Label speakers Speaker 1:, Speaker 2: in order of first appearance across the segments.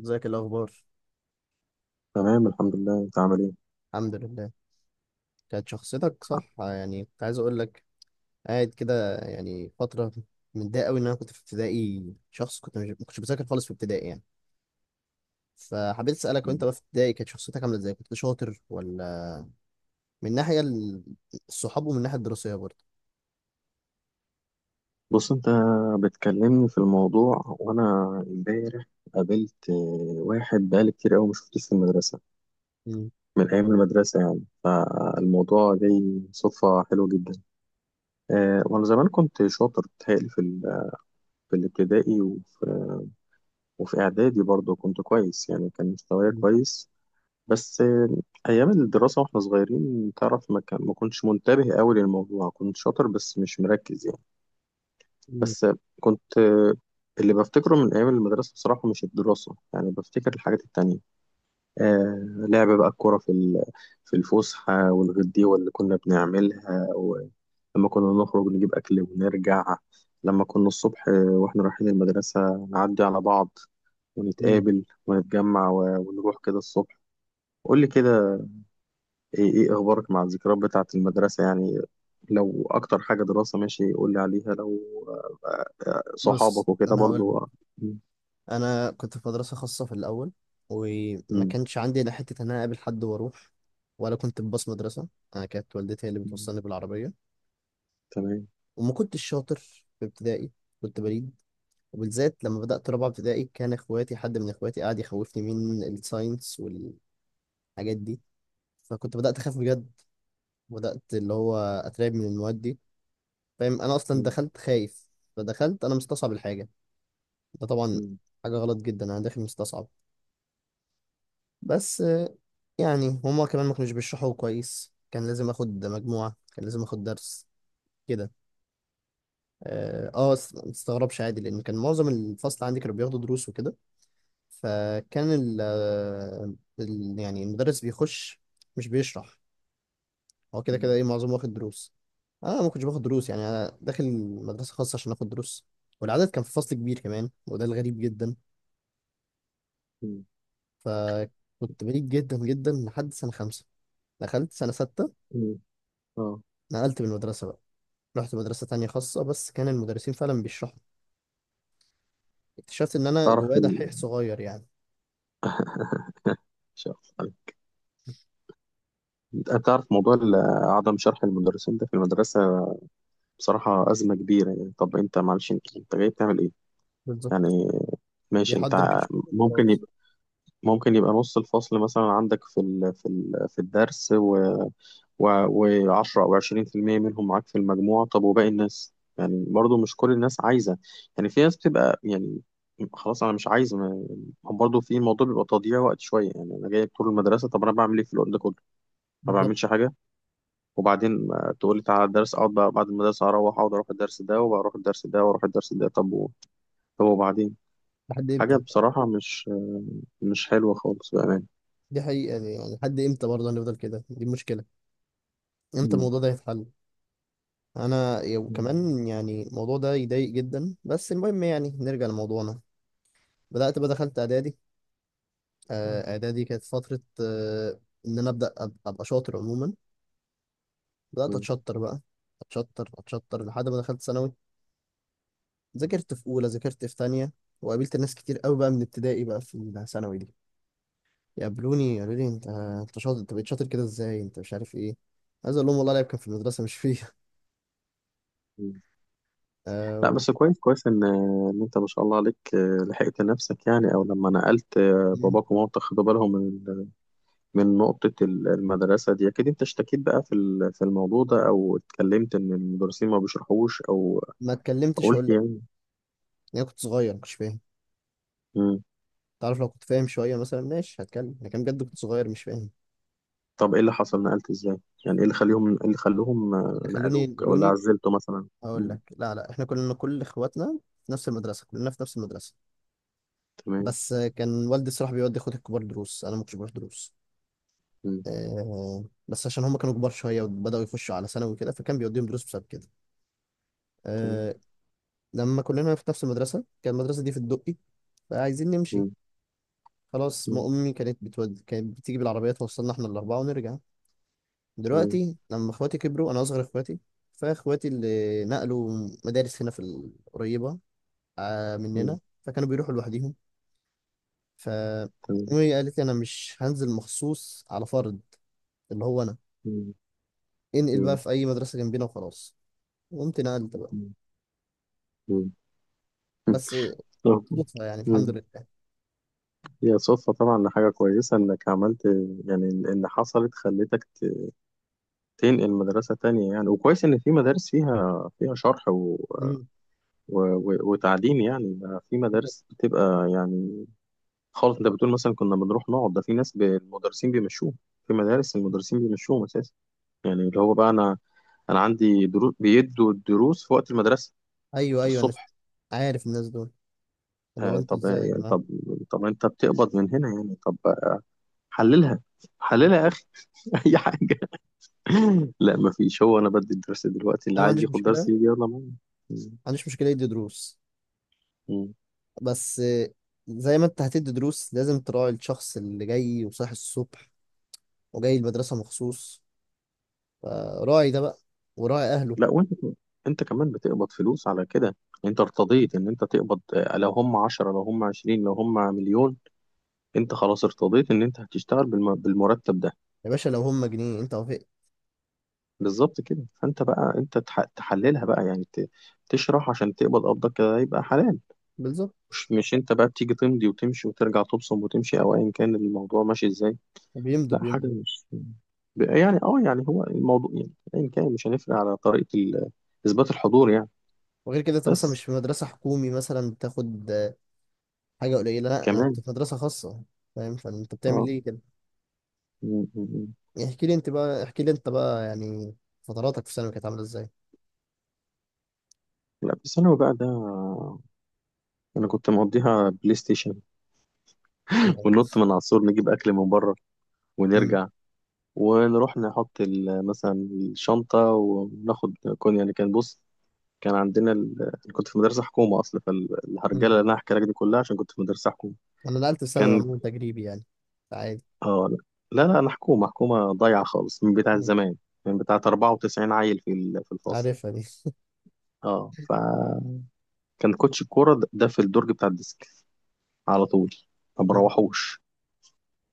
Speaker 1: ازيك الاخبار.
Speaker 2: تمام، الحمد لله. انت عامل ايه؟
Speaker 1: الحمد لله. كانت شخصيتك صح، يعني كنت عايز اقول لك، قاعد كده يعني فتره متضايق قوي ان انا كنت في ابتدائي، شخص كنت مش ما كنتش بذاكر خالص في ابتدائي يعني. فحبيت اسالك، وانت بقى في ابتدائي كانت شخصيتك عامله ازاي؟ كنت شاطر؟ ولا من ناحيه الصحاب، ومن الناحيه الدراسيه برضه؟
Speaker 2: بص، انت بتكلمني في الموضوع وانا امبارح قابلت واحد بقالي كتير قوي ما شفتوش في المدرسه،
Speaker 1: مم.
Speaker 2: من ايام المدرسه يعني. فالموضوع جاي صدفه حلوه جدا. وانا زمان كنت شاطر بتهيألي في في الابتدائي، وفي اعدادي برضه كنت كويس يعني، كان مستواي
Speaker 1: مم.
Speaker 2: كويس. بس ايام الدراسه واحنا صغيرين تعرف، ما كنتش منتبه قوي للموضوع، كنت شاطر بس مش مركز يعني.
Speaker 1: مم.
Speaker 2: بس كنت اللي بفتكره من أيام المدرسة بصراحة مش الدراسة يعني، بفتكر الحاجات التانية. آه، لعب بقى الكورة في في الفسحة، والغديوة اللي كنا بنعملها، ولما كنا نخرج نجيب أكل ونرجع. لما كنا الصبح وإحنا رايحين المدرسة نعدي على بعض
Speaker 1: مم.
Speaker 2: ونتقابل ونتجمع ونروح كده الصبح. قول لي كده، ايه ايه اخبارك مع الذكريات بتاعة المدرسة يعني؟ لو اكتر حاجة دراسة ماشي قول لي عليها، لو
Speaker 1: بص
Speaker 2: صحابك وكده
Speaker 1: انا هقول لك،
Speaker 2: برضو، آه. مم.
Speaker 1: انا كنت في مدرسه خاصه في الاول، وما
Speaker 2: مم.
Speaker 1: كانش عندي لا حته ان انا اقابل حد واروح، ولا كنت بباص مدرسه، انا كانت والدتي هي اللي
Speaker 2: مم.
Speaker 1: بتوصلني بالعربيه.
Speaker 2: تمام.
Speaker 1: وما كنتش شاطر في ابتدائي، كنت بليد. وبالذات لما بدأت رابعة ابتدائي كان حد من اخواتي قاعد يخوفني من الساينس والحاجات دي، فكنت بدأت اخاف بجد، بدأت اللي هو اترعب من المواد دي. فاهم؟ انا اصلا
Speaker 2: مم.
Speaker 1: دخلت خايف، فدخلت انا مستصعب الحاجة، ده طبعا
Speaker 2: مم.
Speaker 1: حاجة غلط جدا، انا داخل مستصعب. بس يعني هما كمان ما كانوش بيشرحوا كويس، كان لازم اخد مجموعة، كان لازم اخد درس كده. اه، ما تستغربش عادي، لان كان معظم الفصل عندي كانوا بياخدوا دروس وكده. فكان يعني المدرس بيخش مش بيشرح، هو كده كده
Speaker 2: مم.
Speaker 1: ايه معظمه واخد دروس. انا ما كنتش باخد دروس، يعني انا داخل مدرسه خاصه عشان اخد دروس، والعدد كان في فصل كبير كمان، وده الغريب جدا.
Speaker 2: مم.
Speaker 1: فكنت بعيد جدا جدا لحد سنه خمسة. دخلت سنه ستة
Speaker 2: مم. اه.
Speaker 1: نقلت من المدرسه بقى، رحت مدرسه تانية خاصه بس كان المدرسين فعلا بيشرحوا، اكتشفت ان انا
Speaker 2: تعرف
Speaker 1: جوايا دحيح صغير يعني.
Speaker 2: شخص. تعرف موضوع عدم شرح المدرسين ده في المدرسة بصراحة أزمة كبيرة يعني. طب أنت، معلش، أنت جاي بتعمل إيه؟
Speaker 1: بالظبط،
Speaker 2: يعني ماشي.
Speaker 1: بيحضر كشكول
Speaker 2: ممكن
Speaker 1: وخلاص.
Speaker 2: يبقى، ممكن يبقى نص الفصل مثلا عندك في في الدرس، و10 او 20% منهم معاك في المجموع. طب وباقي الناس؟ يعني برضو مش كل الناس عايزة، يعني في ناس بتبقى يعني خلاص انا مش عايز. ما، هو برضه في الموضوع بيبقى تضييع وقت شويه، يعني انا جايب طول المدرسه، طب انا بعمل ايه في الوقت ده كله؟ ما
Speaker 1: بالظبط.
Speaker 2: بعملش حاجه. وبعدين تقول لي تعالى الدرس، اقعد بقى بعد المدرسه اروح اقعد، اروح الدرس ده وبروح الدرس ده واروح الدرس ده. طب طب وبعدين،
Speaker 1: لحد
Speaker 2: حاجه
Speaker 1: امتى؟
Speaker 2: بصراحه مش حلوه خالص بامانه.
Speaker 1: دي حقيقة دي، يعني لحد امتى برضه هنفضل كده؟ دي المشكلة، امتى
Speaker 2: مم.
Speaker 1: الموضوع ده هيتحل؟ انا
Speaker 2: مم.
Speaker 1: كمان يعني الموضوع ده يضايق جدا، بس المهم يعني نرجع لموضوعنا. بدأت بقى دخلت اعدادي، اعدادي كانت فترة ان انا ابقى شاطر عموما. بدأت اتشطر بقى، اتشطر اتشطر لحد ما دخلت ثانوي، ذاكرت في اولى، ذاكرت في تانية. وقابلت ناس كتير قوي بقى من ابتدائي بقى في الثانوي دي يقابلوني يقولوا لي انت شاطر، انت بقيت شاطر كده ازاي، انت مش عارف ايه. عايز اقول لهم والله العيب كان في المدرسة مش فيه.
Speaker 2: مم. لا بس كويس كويس ان انت ما شاء الله عليك، لحقت نفسك يعني، او لما نقلت،
Speaker 1: مم.
Speaker 2: باباك ومامتك خدوا بالهم من من نقطة المدرسة دي. اكيد انت اشتكيت بقى في في الموضوع ده، او اتكلمت ان المدرسين ما بيشرحوش، او
Speaker 1: ما اتكلمتش اقول
Speaker 2: قلت
Speaker 1: لك،
Speaker 2: يعني.
Speaker 1: انا كنت صغير مش فاهم.
Speaker 2: مم.
Speaker 1: تعرف لو كنت فاهم شويه مثلا ماشي هتكلم، لكن بجد كنت صغير مش فاهم.
Speaker 2: طب ايه اللي حصل نقلت ازاي؟ يعني ايه اللي خليهم، ايه اللي خلوهم
Speaker 1: اللي خلوني
Speaker 2: نقلوك او اللي
Speaker 1: ينقلوني
Speaker 2: عزلته مثلا؟
Speaker 1: اقول
Speaker 2: مم.
Speaker 1: لك، لا احنا كلنا، كل اخواتنا في نفس المدرسه، كلنا في نفس المدرسه.
Speaker 2: تمام.
Speaker 1: بس كان والدي الصراحه بيودي اخواتي الكبار دروس، انا ما كنتش بروح دروس.
Speaker 2: مم.
Speaker 1: أه، بس عشان هم كانوا كبار شويه وبداوا يخشوا على ثانوي وكده، فكان بيوديهم دروس بسبب كده.
Speaker 2: تمام.
Speaker 1: أه. لما كلنا في نفس المدرسه، كان المدرسه دي في الدقي، فعايزين نمشي
Speaker 2: مم.
Speaker 1: خلاص. ما
Speaker 2: مم.
Speaker 1: امي كانت بتود... كانت بتيجي بالعربيه توصلنا احنا الاربعه ونرجع.
Speaker 2: تمام.
Speaker 1: دلوقتي لما اخواتي كبروا، انا اصغر اخواتي، فاخواتي اللي نقلوا مدارس هنا في القريبه مننا،
Speaker 2: مم.
Speaker 1: فكانوا بيروحوا لوحديهم. ف
Speaker 2: تمام.
Speaker 1: امي قالت لي انا مش هنزل مخصوص على فرد، اللي هو انا،
Speaker 2: مم.
Speaker 1: انقل بقى
Speaker 2: مم.
Speaker 1: في اي مدرسه جنبنا وخلاص. قمت نقلت بقى،
Speaker 2: مم.
Speaker 1: بس
Speaker 2: مم.
Speaker 1: صدفه يعني، الحمد
Speaker 2: مم.
Speaker 1: لله.
Speaker 2: هي صدفة طبعا، حاجة كويسة إنك عملت، يعني اللي حصلت خلتك تنقل مدرسة تانية يعني. وكويس إن في مدارس فيها، فيها شرح
Speaker 1: مم.
Speaker 2: وتعليم يعني. ده في مدارس بتبقى يعني خالص. أنت بتقول مثلا كنا بنروح نقعد، ده في ناس المدرسين بيمشوهم. في مدارس المدرسين بيمشوهم أساسا، يعني اللي هو بقى أنا، أنا عندي دروس بيدوا الدروس في وقت المدرسة
Speaker 1: ايوه ايوه، انا
Speaker 2: الصبح.
Speaker 1: عارف الناس دول، اللي هو
Speaker 2: آه
Speaker 1: انتوا
Speaker 2: طب
Speaker 1: ازاي يا
Speaker 2: يعني،
Speaker 1: جماعه.
Speaker 2: طب أنت بتقبض من هنا يعني. طب حللها،
Speaker 1: انا
Speaker 2: حللها يا أخي. أي حاجة. لا ما فيش، هو انا بدي الدرس دلوقتي، اللي
Speaker 1: ما
Speaker 2: عايز
Speaker 1: عنديش
Speaker 2: ياخد
Speaker 1: مشكله،
Speaker 2: درس
Speaker 1: ما
Speaker 2: يجي يلا معايا. مم.
Speaker 1: عنديش مشكله يدي دروس،
Speaker 2: مم.
Speaker 1: بس زي ما انت هتدي دروس لازم تراعي الشخص اللي جاي وصاحي الصبح وجاي المدرسة مخصوص، فراعي ده بقى، وراعي أهله.
Speaker 2: لا وانت انت كمان بتقبض فلوس على كده. انت
Speaker 1: مم.
Speaker 2: ارتضيت ان انت تقبض، لو هم 10 لو هم 20 لو هم مليون، انت خلاص ارتضيت ان انت هتشتغل بالمرتب ده.
Speaker 1: يا باشا لو هم جنيه انت وافقت.
Speaker 2: بالظبط كده. فانت بقى انت تحللها بقى، يعني تشرح عشان تقبض. قبضك كده يبقى حلال.
Speaker 1: بالظبط.
Speaker 2: مش انت بقى بتيجي تمضي وتمشي وترجع تبصم وتمشي، او ايا كان الموضوع ماشي ازاي؟
Speaker 1: بيمضوا
Speaker 2: لا حاجة
Speaker 1: بيمضوا.
Speaker 2: مش، يعني اه يعني هو الموضوع يعني ايا كان، مش هنفرق على طريقة اثبات الحضور يعني.
Speaker 1: وغير كده انت مثلا
Speaker 2: بس
Speaker 1: مش في مدرسة حكومي مثلا بتاخد حاجة قليلة، لا انا
Speaker 2: كمان.
Speaker 1: كنت في مدرسة خاصة، فاهم؟ فانت بتعمل
Speaker 2: اه.
Speaker 1: ليه كده؟
Speaker 2: م- م- م.
Speaker 1: يعني احكي لي انت بقى، احكي لي انت بقى، يعني فتراتك في ثانوي كانت عاملة ازاي؟
Speaker 2: لا في ثانوي بقى ده، انا كنت مقضيها بلاي ستيشن. وننط من على السور نجيب اكل من بره
Speaker 1: مم.
Speaker 2: ونرجع. ونروح نحط مثلا الشنطة وناخد كون، يعني. كان بص، كان عندنا كنت في مدرسة حكومة أصلا، فالهرجلة
Speaker 1: مم.
Speaker 2: اللي أنا هحكي لك دي كلها عشان كنت في مدرسة حكومة.
Speaker 1: انا نقلت في ثانوي
Speaker 2: كان
Speaker 1: عموما تجريبي يعني، عادي.
Speaker 2: اه. لا لا لا، حكومة حكومة ضايعة خالص من بتاعة
Speaker 1: مم.
Speaker 2: زمان، من بتاعة 94 عيل في في الفصل.
Speaker 1: عارفها
Speaker 2: اه فكان كوتش الكورة ده في الدرج بتاع الديسك على طول، ما
Speaker 1: دي.
Speaker 2: بروحوش.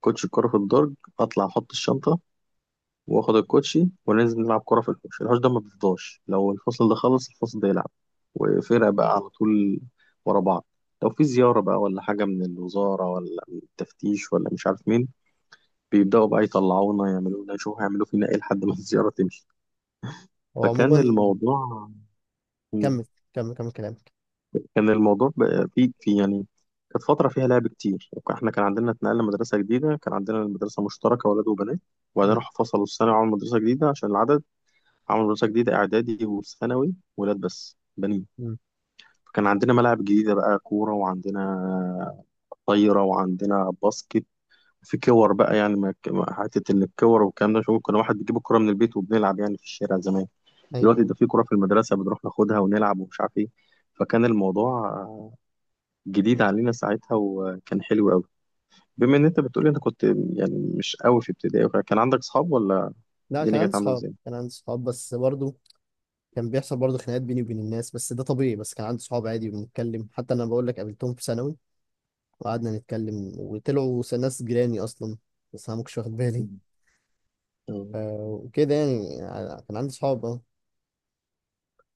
Speaker 2: كوتش الكورة في الدرج، اطلع احط الشنطة واخد الكوتشي وننزل نلعب كورة في الحوش. الحوش ده ما بيفضاش، لو الفصل ده خلص الفصل ده يلعب، وفرق بقى على طول ورا بعض. لو في زيارة بقى ولا حاجة من الوزارة ولا من التفتيش ولا مش عارف مين، بيبدأوا بقى يطلعونا يعملونا يشوفوا هيعملوا فينا ايه لحد ما الزيارة تمشي.
Speaker 1: هو
Speaker 2: فكان
Speaker 1: عموما،
Speaker 2: الموضوع. مم.
Speaker 1: كمل كمل كلامك.
Speaker 2: كان الموضوع بقى في يعني كانت فترة فيها لعب كتير. احنا كان عندنا اتنقلنا مدرسة جديدة، كان عندنا المدرسة مشتركة ولاد وبنات، وبعدين
Speaker 1: مم.
Speaker 2: راحوا فصلوا الثانوي وعملوا مدرسة جديدة عشان العدد. عملوا مدرسة جديدة إعدادي وثانوي ولاد بس، بنين.
Speaker 1: مم.
Speaker 2: فكان عندنا ملاعب جديدة بقى، كورة وعندنا طايرة وعندنا باسكت. في كور بقى يعني، حتة إن الكور والكلام ده، شوف كنا واحد بيجيب الكورة من البيت وبنلعب يعني في الشارع زمان.
Speaker 1: ايوه،
Speaker 2: دلوقتي
Speaker 1: أيوة.
Speaker 2: ده في كرة في المدرسة بنروح ناخدها ونلعب ومش عارف ايه. فكان الموضوع جديد علينا ساعتها وكان حلو قوي. بما ان انت بتقولي انت كنت يعني مش قوي في ابتدائي وكده، كان عندك صحاب ولا
Speaker 1: لا كان
Speaker 2: الدنيا
Speaker 1: عندي
Speaker 2: كانت عاملة
Speaker 1: صحاب،
Speaker 2: ازاي؟
Speaker 1: كان عندي صحاب، بس برضه كان بيحصل برضه خناقات بيني وبين الناس، بس ده طبيعي. بس كان عندي صحاب عادي وبنتكلم، حتى انا بقول لك قابلتهم في ثانوي وقعدنا نتكلم وطلعوا ناس جيراني اصلا، بس انا ما كنتش واخد بالي.
Speaker 2: مم. آه،
Speaker 1: ف- وكده يعني، كان عندي صحاب اه.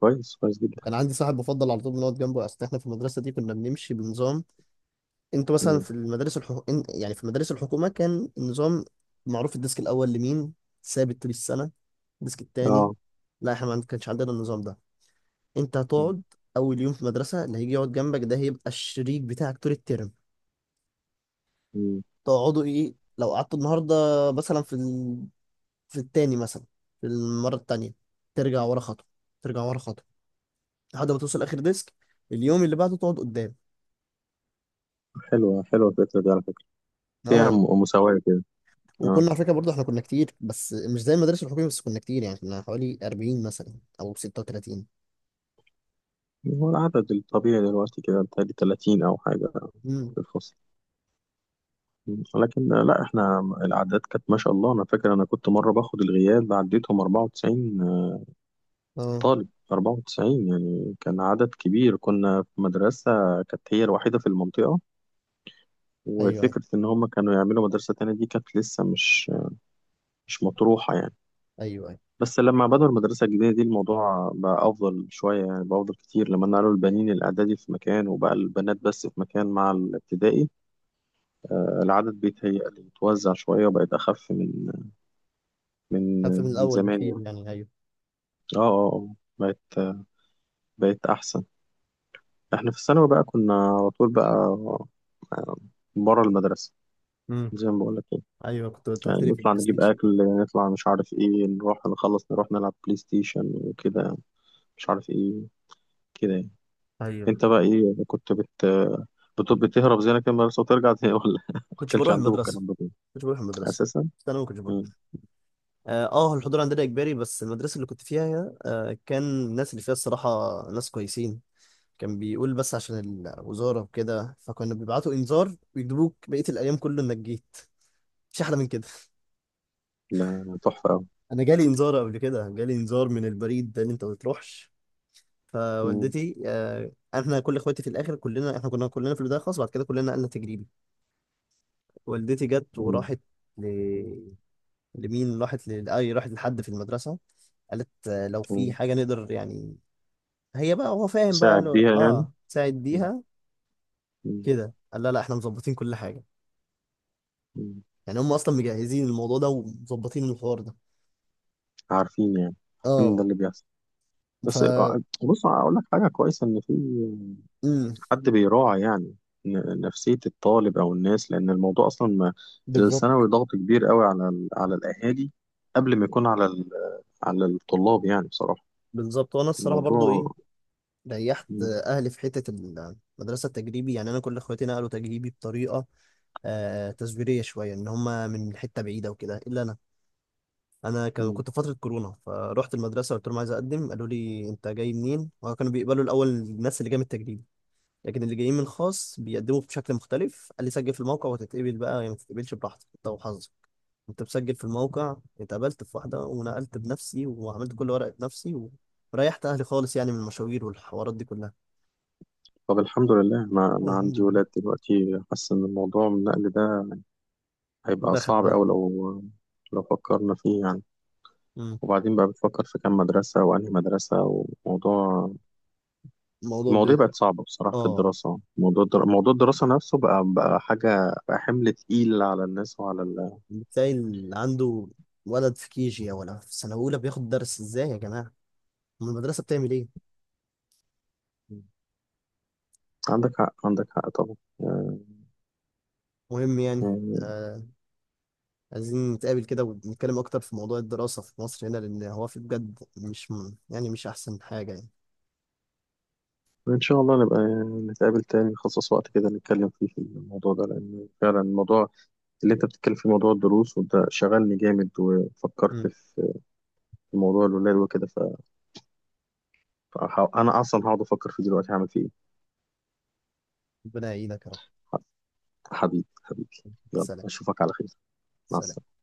Speaker 2: كويس كويس جدا.
Speaker 1: وكان عندي صاحب بفضل على طول بنقعد جنبه. اصل احنا في المدرسه دي كنا بنمشي بنظام. انتوا مثلا
Speaker 2: مم.
Speaker 1: في إن- يعني في مدارس الحكومه كان النظام معروف، الديسك الاول لمين، ثابت طول السنه، الديسك التاني.
Speaker 2: اه.
Speaker 1: لا احنا ما كانش عندنا النظام ده، انت
Speaker 2: مم.
Speaker 1: هتقعد اول يوم في المدرسه، اللي هيجي يقعد جنبك ده هيبقى الشريك بتاعك طول الترم.
Speaker 2: مم.
Speaker 1: تقعدوا ايه لو قعدتوا النهارده مثلا في في التاني مثلا، في المره التانيه ترجع ورا خطوه، ترجع ورا خطوه لحد ما توصل اخر ديسك، اليوم اللي بعده تقعد قدام.
Speaker 2: حلوة حلوة الفكرة دي على فكرة، فيها
Speaker 1: اه.
Speaker 2: مساواة كده. اه.
Speaker 1: وكنا على فكره برضه احنا كنا كتير، بس مش زي المدارس الحكوميه، بس كنا كتير يعني، كنا حوالي 40 مثلا او 36.
Speaker 2: هو العدد الطبيعي دلوقتي كده بتهيألي 30 أو حاجة
Speaker 1: امم.
Speaker 2: في الفصل. مم. لكن لا احنا الأعداد كانت ما شاء الله، أنا فاكر أنا كنت مرة باخد الغياب عديتهم 94.
Speaker 1: اه.
Speaker 2: طالب 94 يعني، كان عدد كبير، كنا في مدرسة كانت هي الوحيدة في المنطقة.
Speaker 1: ايوه ايوه.
Speaker 2: وفكرة إن هم كانوا يعملوا مدرسة تانية دي كانت لسه مش مطروحة يعني.
Speaker 1: ايوه ايوه.
Speaker 2: بس لما بدأوا المدرسة الجديدة دي الموضوع بقى أفضل شوية، يعني بقى أفضل كتير لما نقلوا البنين الإعدادي في مكان وبقى البنات بس في مكان مع الابتدائي. العدد بيتهيألي اتوزع شوية، وبقت أخف من
Speaker 1: خف من
Speaker 2: من
Speaker 1: الاول
Speaker 2: زمان
Speaker 1: بكتير،
Speaker 2: يعني.
Speaker 1: يعني ايوه.
Speaker 2: اه اه. آه. بقت أحسن. احنا في الثانوي بقى كنا على طول بقى آه، بره المدرسة،
Speaker 1: مم.
Speaker 2: زي ما بقول لك كده.
Speaker 1: ايوه كنت انت
Speaker 2: يعني
Speaker 1: قلت لي في
Speaker 2: نطلع
Speaker 1: البلاي
Speaker 2: نجيب
Speaker 1: ستيشن.
Speaker 2: أكل، نطلع مش عارف إيه، نروح نخلص نروح نلعب بلاي ستيشن وكده، مش عارف إيه كده يعني.
Speaker 1: ايوه،
Speaker 2: أنت بقى إيه كنت بتهرب زي أنا كده من المدرسة وترجع تاني، ولا ما
Speaker 1: كنتش
Speaker 2: كانش
Speaker 1: بروح
Speaker 2: عندكم
Speaker 1: المدرسه
Speaker 2: الكلام ده
Speaker 1: كنتش بروح المدرسه
Speaker 2: أساسا؟
Speaker 1: بس انا ما كنتش بروح،
Speaker 2: مم.
Speaker 1: اه، الحضور عندنا اجباري، بس المدرسه اللي كنت فيها آه كان الناس اللي فيها الصراحه ناس كويسين، كان بيقول بس عشان الوزاره وكده، فكنا بيبعتوا انذار ويجيبوك بقيه الايام كله انك جيت. مش احلى من كده؟
Speaker 2: لا تحفة أوي.
Speaker 1: انا جالي انذار قبل كده، جالي انذار من البريد ده ان انت ما تروحش.
Speaker 2: مم.
Speaker 1: فوالدتي آه، احنا كل اخواتي في الاخر كلنا، احنا كنا كلنا في البدايه خالص، بعد كده كلنا نقلنا تجريبي. والدتي جت
Speaker 2: مم.
Speaker 1: وراحت، أي راحت لحد في المدرسة، قالت لو في
Speaker 2: مم.
Speaker 1: حاجة نقدر يعني، هي بقى هو فاهم بقى قال
Speaker 2: ساعد
Speaker 1: له
Speaker 2: بيها يعني.
Speaker 1: اه ساعد
Speaker 2: مم.
Speaker 1: بيها.
Speaker 2: مم.
Speaker 1: كده قال لا احنا مظبطين كل حاجة.
Speaker 2: مم.
Speaker 1: يعني هم أصلا مجهزين الموضوع ده ومظبطين الحوار ده.
Speaker 2: عارفين يعني، عارفين ده
Speaker 1: اه.
Speaker 2: اللي بيحصل.
Speaker 1: ف
Speaker 2: بس بص أقول لك حاجة كويسة إن في
Speaker 1: امم.
Speaker 2: حد بيراعي يعني نفسية الطالب أو الناس، لأن الموضوع أصلا ما.
Speaker 1: بالظبط.
Speaker 2: الثانوي ضغط كبير قوي على على الأهالي قبل ما يكون على على الطلاب يعني بصراحة.
Speaker 1: بالظبط. وأنا الصراحة برضو إيه،
Speaker 2: الموضوع
Speaker 1: ريحت
Speaker 2: م-
Speaker 1: أهلي في حتة المدرسة التجريبي يعني. أنا كل إخواتي نقلوا تجريبي بطريقة آه تزويرية شوية، إن هم من حتة بعيدة وكده، إلا أنا، انا
Speaker 2: م.
Speaker 1: كنت في فتره كورونا فروحت المدرسه قلت لهم عايز اقدم، قالوا لي انت جاي منين؟ وكانوا بيقبلوا الاول الناس اللي جايه من التجريبي، لكن اللي جايين من الخاص بيقدموا بشكل مختلف. قال لي سجل في الموقع وتتقبل بقى يا ما تتقبلش براحتك، انت وحظك. كنت مسجل في الموقع، اتقبلت في واحده ونقلت بنفسي وعملت كل ورقه بنفسي وريحت اهلي خالص يعني من المشاوير والحوارات دي كلها.
Speaker 2: طب الحمد لله ما
Speaker 1: الحمد
Speaker 2: عندي
Speaker 1: لله،
Speaker 2: ولاد دلوقتي، حاسس إن الموضوع النقل ده هيبقى
Speaker 1: ده
Speaker 2: صعب أوي
Speaker 1: خلاهم.
Speaker 2: لو، لو فكرنا فيه يعني.
Speaker 1: مم.
Speaker 2: وبعدين بقى بتفكر في كام مدرسة وأنهي مدرسة، وموضوع،
Speaker 1: الموضوع ب...
Speaker 2: المواضيع بقت صعبة بصراحة في
Speaker 1: اه،
Speaker 2: الدراسة. موضوع موضوع الدراسة نفسه بقى، بقى حاجة، بقى حمل تقيل على الناس وعلى
Speaker 1: بتلاقي اللي عنده ولد في كيجي ولا في سنه اولى بياخد درس، ازاي يا جماعه؟ أم المدرسة بتعمل إيه؟
Speaker 2: عندك حق عندك حق طبعا.
Speaker 1: مهم يعني.
Speaker 2: آه،
Speaker 1: آه. عايزين نتقابل كده ونتكلم أكتر في موضوع الدراسة في مصر هنا، لأن هو في بجد مش م- يعني مش أحسن حاجة يعني.
Speaker 2: إن شاء الله نبقى نتقابل تاني، نخصص وقت كده نتكلم فيه في الموضوع ده، لأن فعلا الموضوع اللي أنت بتتكلم فيه، موضوع الدروس، وده شغلني جامد وفكرت
Speaker 1: أمم.
Speaker 2: في، في موضوع الولاد وكده. أنا أصلا هقعد أفكر فيه دلوقتي هعمل فيه إيه.
Speaker 1: ربنا يعينك يا رب.
Speaker 2: حبيبي حبيبي، يلا
Speaker 1: سلام.
Speaker 2: أشوفك على خير. مع
Speaker 1: سلام.
Speaker 2: السلامة.